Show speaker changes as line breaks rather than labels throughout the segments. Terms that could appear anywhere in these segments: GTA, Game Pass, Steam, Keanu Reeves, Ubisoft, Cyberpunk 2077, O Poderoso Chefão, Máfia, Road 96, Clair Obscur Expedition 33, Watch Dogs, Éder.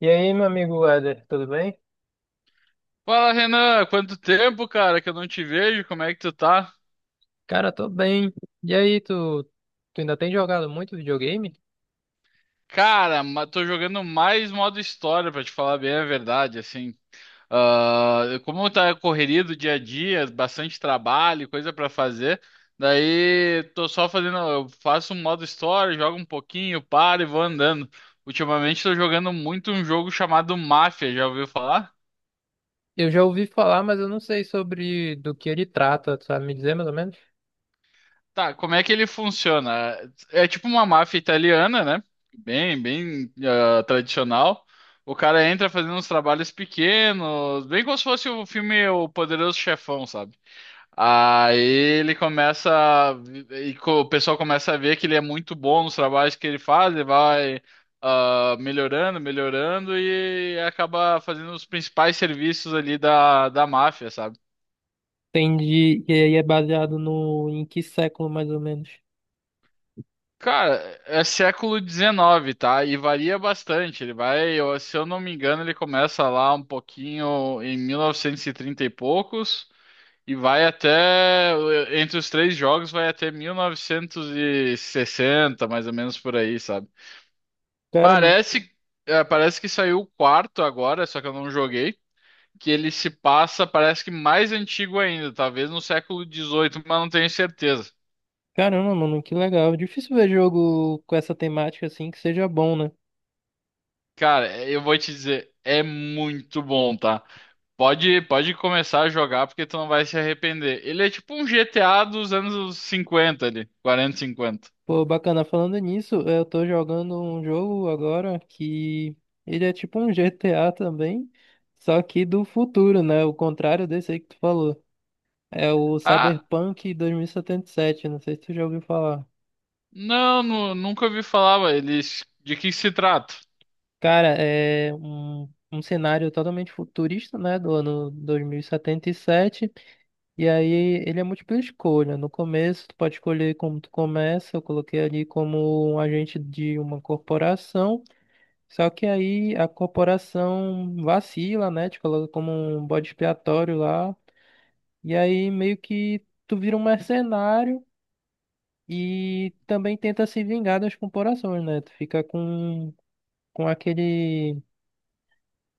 E aí, meu amigo Éder, tudo bem?
Fala, Renan, quanto tempo, cara, que eu não te vejo, como é que tu tá?
Cara, tô bem. E aí, tu ainda tem jogado muito videogame?
Cara, tô jogando mais modo história, pra te falar bem a verdade, assim. Ah, como tá a correria do dia a dia, bastante trabalho, coisa pra fazer, daí tô só fazendo, eu faço um modo história, jogo um pouquinho, paro e vou andando. Ultimamente tô jogando muito um jogo chamado Máfia, já ouviu falar?
Eu já ouvi falar, mas eu não sei sobre do que ele trata, tu sabe me dizer mais ou menos?
Tá, como é que ele funciona? É tipo uma máfia italiana, né? Bem, tradicional. O cara entra fazendo uns trabalhos pequenos, bem como se fosse o filme O Poderoso Chefão, sabe? Aí ele começa a o pessoal começa a ver que ele é muito bom nos trabalhos que ele faz, ele vai melhorando, melhorando e acaba fazendo os principais serviços ali da máfia, sabe?
Entendi. E aí é baseado no em que século mais ou menos?
Cara, é século 19, tá? E varia bastante. Ele vai, se eu não me engano, ele começa lá um pouquinho em 1930 e poucos e vai até, entre os três jogos, vai até 1960, mais ou menos por aí, sabe?
Cara,
Parece, é, parece que saiu o quarto agora, só que eu não joguei, que ele se passa, parece que mais antigo ainda, talvez no século dezoito, mas não tenho certeza.
caramba, mano, que legal. Difícil ver jogo com essa temática assim que seja bom, né?
Cara, eu vou te dizer, é muito bom, tá? Pode começar a jogar porque tu não vai se arrepender. Ele é tipo um GTA dos anos cinquenta ali, quarenta, cinquenta.
Pô, bacana, falando nisso, eu tô jogando um jogo agora que ele é tipo um GTA também, só que do futuro, né? O contrário desse aí que tu falou. É o
Ah,
Cyberpunk 2077, não sei se tu já ouviu falar.
não, nunca ouvi falar, ué, eles de que se trata?
Cara, é um cenário totalmente futurista, né? Do ano 2077. E 77. E aí ele é múltipla escolha. No começo, tu pode escolher como tu começa. Eu coloquei ali como um agente de uma corporação. Só que aí a corporação vacila, né? Te coloca como um bode expiatório lá. E aí meio que tu vira um mercenário e também tenta se vingar das corporações, né? Tu fica com aquele,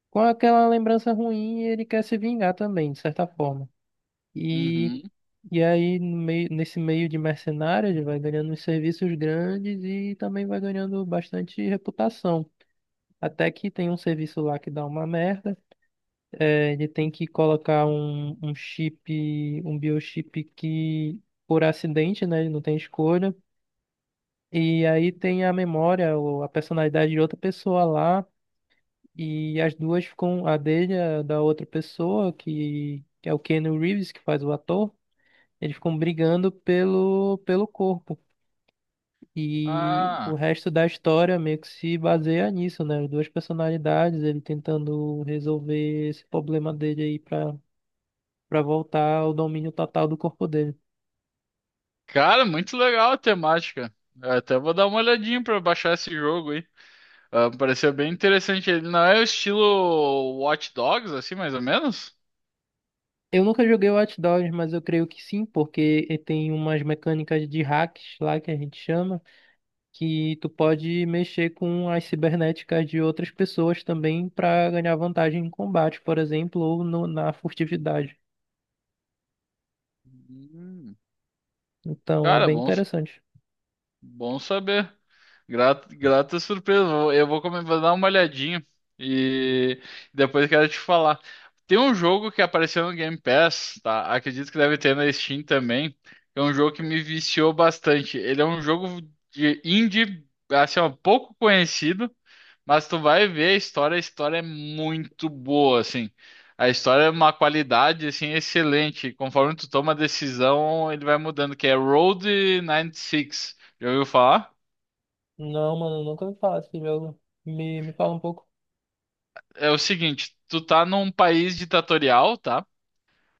com aquela lembrança ruim e ele quer se vingar também, de certa forma. E,
Uhum.
e aí no meio, nesse meio de mercenário ele vai ganhando uns serviços grandes e também vai ganhando bastante reputação. Até que tem um serviço lá que dá uma merda. É, ele tem que colocar um biochip que, por acidente, né, ele não tem escolha. E aí tem a memória ou a personalidade de outra pessoa lá. E as duas ficam, a dele, e a da outra pessoa, que é o Keanu Reeves, que faz o ator, eles ficam brigando pelo corpo. E o
Ah,
resto da história meio que se baseia nisso, né? As duas personalidades, ele tentando resolver esse problema dele aí pra voltar ao domínio total do corpo dele.
cara, muito legal a temática. Eu até vou dar uma olhadinha pra baixar esse jogo aí. Ah, pareceu bem interessante. Ele não é o estilo Watch Dogs, assim, mais ou menos?
Eu nunca joguei Watch Dogs, mas eu creio que sim, porque tem umas mecânicas de hacks lá que a gente chama, que tu pode mexer com as cibernéticas de outras pessoas também pra ganhar vantagem em combate, por exemplo, ou na furtividade.
Hum.
Então é
Cara,
bem interessante.
bom saber. Grata surpresa. Vou dar uma olhadinha e depois quero te falar. Tem um jogo que apareceu no Game Pass, tá? Acredito que deve ter na Steam também. É um jogo que me viciou bastante. Ele é um jogo de indie, assim, ó, pouco conhecido. Mas tu vai ver a história é muito boa, assim. A história é uma qualidade, assim, excelente. Conforme tu toma a decisão, ele vai mudando, que é Road 96. Já ouviu falar?
Não, mano, eu nunca me fala desse jogo. Me fala um pouco.
É o seguinte, tu tá num país ditatorial, tá?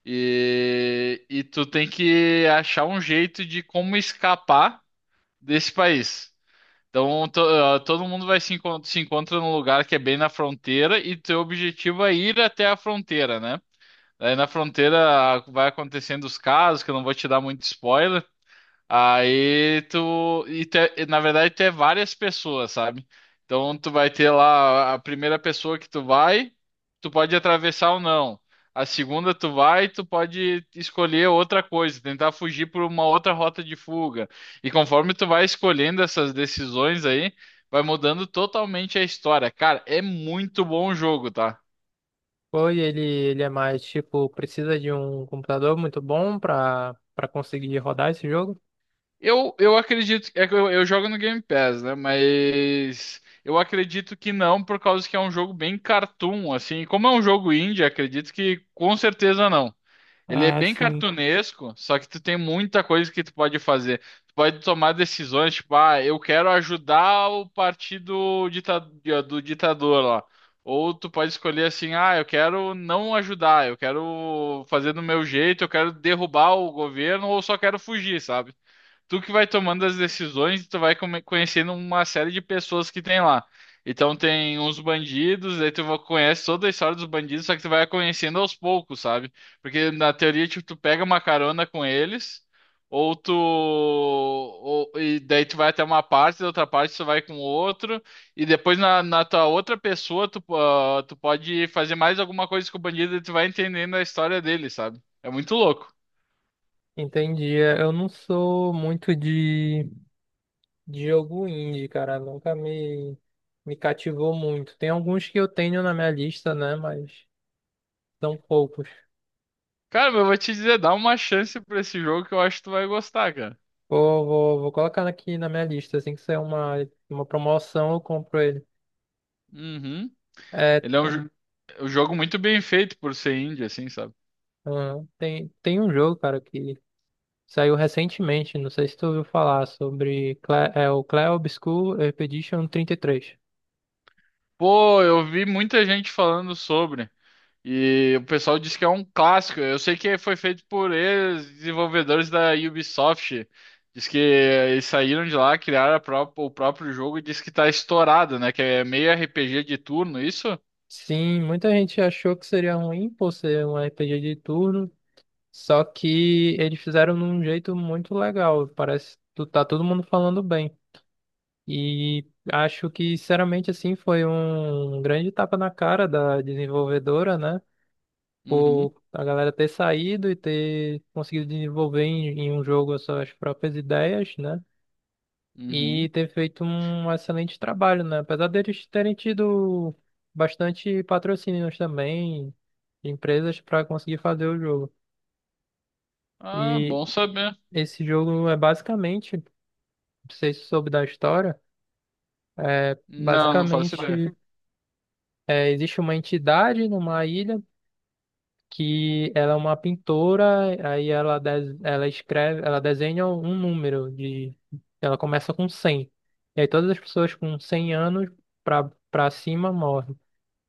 E tu tem que achar um jeito de como escapar desse país. Então, todo mundo vai se encontra num lugar que é bem na fronteira e teu objetivo é ir até a fronteira, né? Aí na fronteira vai acontecendo os casos, que eu não vou te dar muito spoiler. Aí tu. E e, na verdade, tu é várias pessoas, sabe? Então tu vai ter lá a primeira pessoa que tu vai, tu pode atravessar ou não. A segunda tu vai, tu pode escolher outra coisa, tentar fugir por uma outra rota de fuga. E conforme tu vai escolhendo essas decisões aí, vai mudando totalmente a história. Cara, é muito bom o jogo, tá?
Ele é mais tipo, precisa de um computador muito bom pra conseguir rodar esse jogo?
Eu acredito. É que eu jogo no Game Pass, né? Mas eu acredito que não, por causa que é um jogo bem cartoon, assim. Como é um jogo indie, acredito que com certeza não. Ele é
Ah,
bem
sim.
cartunesco, só que tu tem muita coisa que tu pode fazer. Tu pode tomar decisões, tipo, ah, eu quero ajudar o partido dita- do ditador lá. Ou tu pode escolher assim, ah, eu quero não ajudar, eu quero fazer do meu jeito, eu quero derrubar o governo, ou só quero fugir, sabe? Tu que vai tomando as decisões, tu vai conhecendo uma série de pessoas que tem lá. Então tem uns bandidos, aí conhece toda a história dos bandidos, só que tu vai conhecendo aos poucos, sabe? Porque na teoria, tipo, tu pega uma carona com eles, e daí tu vai até uma parte, da outra parte tu vai com outro, e depois na tua outra pessoa tu, ah, tu pode fazer mais alguma coisa com o bandido e tu vai entendendo a história dele, sabe? É muito louco.
Entendi. É, eu não sou muito de jogo indie, cara. Nunca me cativou muito. Tem alguns que eu tenho na minha lista, né? Mas são poucos.
Cara, eu vou te dizer, dá uma chance pra esse jogo que eu acho que tu vai gostar, cara.
Vou colocar aqui na minha lista. Assim que sair uma promoção, eu compro ele.
Uhum.
É,
Ele é um, jo- Um jogo muito bem feito por ser indie, assim, sabe?
tem um jogo, cara, que saiu recentemente. Não sei se tu ouviu falar sobre o Clair Obscur Expedition 33.
Pô, eu vi muita gente falando sobre. E o pessoal diz que é um clássico. Eu sei que foi feito por ex-desenvolvedores da Ubisoft. Diz que eles saíram de lá, criaram a o próprio jogo e diz que tá estourado, né? Que é meio RPG de turno, isso?
Sim, muita gente achou que seria ruim por ser um RPG de turno. Só que eles fizeram de um jeito muito legal. Parece que tá todo mundo falando bem. E acho que, sinceramente, assim, foi um grande tapa na cara da desenvolvedora, né?
Uhum,
Por a galera ter saído e ter conseguido desenvolver em um jogo as suas próprias ideias, né? E
uhum.
ter feito um excelente trabalho, né? Apesar deles terem tido bastante patrocínios também, de empresas para conseguir fazer o jogo.
Ah,
E
bom saber.
esse jogo é basicamente, não sei se você soube da história, é
Não, não faço ideia.
basicamente é, existe uma entidade numa ilha que ela é uma pintora, aí ela, ela escreve, ela desenha um número de, ela começa com 100. E aí todas as pessoas com 100 anos pra para cima morrem.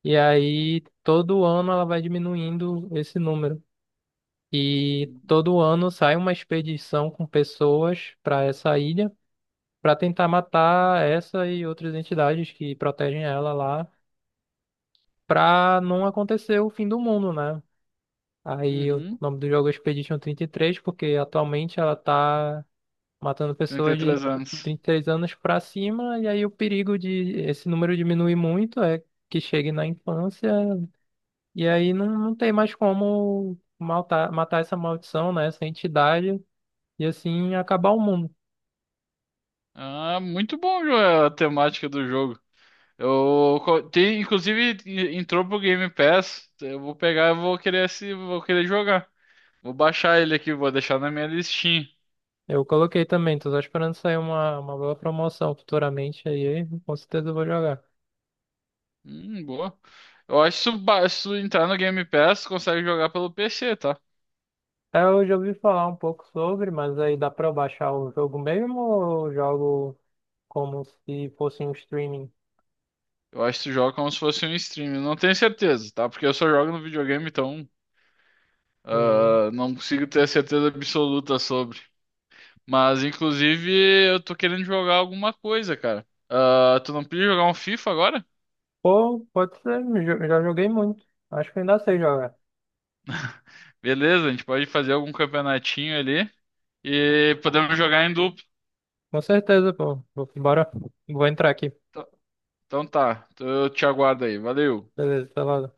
E aí todo ano ela vai diminuindo esse número. E todo ano sai uma expedição com pessoas para essa ilha para tentar matar essa e outras entidades que protegem ela lá, para não acontecer o fim do mundo, né? Aí o
Uhum.
nome do jogo é Expedition 33, porque atualmente ela tá matando
trinta e
pessoas de
três anos.
33 anos para cima, e aí o perigo de esse número diminuir muito é que chegue na infância, e aí não tem mais como matar, essa maldição, né? Essa entidade, e assim acabar o mundo.
Ah, muito bom, Joel, a temática do jogo. Tem, inclusive entrou pro Game Pass. Eu vou pegar, eu vou querer se vou querer jogar. Vou baixar ele aqui, vou deixar na minha listinha.
Eu coloquei também, tô só esperando sair uma boa promoção futuramente aí, com certeza eu vou jogar.
Boa. Eu acho que se tu entrar no Game Pass, tu consegue jogar pelo PC, tá?
É, eu já ouvi falar um pouco sobre, mas aí dá pra eu baixar o jogo mesmo ou eu jogo como se fosse um streaming?
Eu acho que tu joga como se fosse um stream. Eu não tenho certeza, tá? Porque eu só jogo no videogame, então
Hum.
não consigo ter certeza absoluta sobre. Mas, inclusive, eu tô querendo jogar alguma coisa, cara. Ah, tu não podia jogar um FIFA agora?
Pô, pode ser, já joguei muito. Acho que ainda sei jogar.
Beleza, a gente pode fazer algum campeonatinho ali e podemos jogar em dupla.
Com certeza, pô. Bora, vou entrar aqui.
Então tá, eu te aguardo aí. Valeu.
Beleza, tá lá.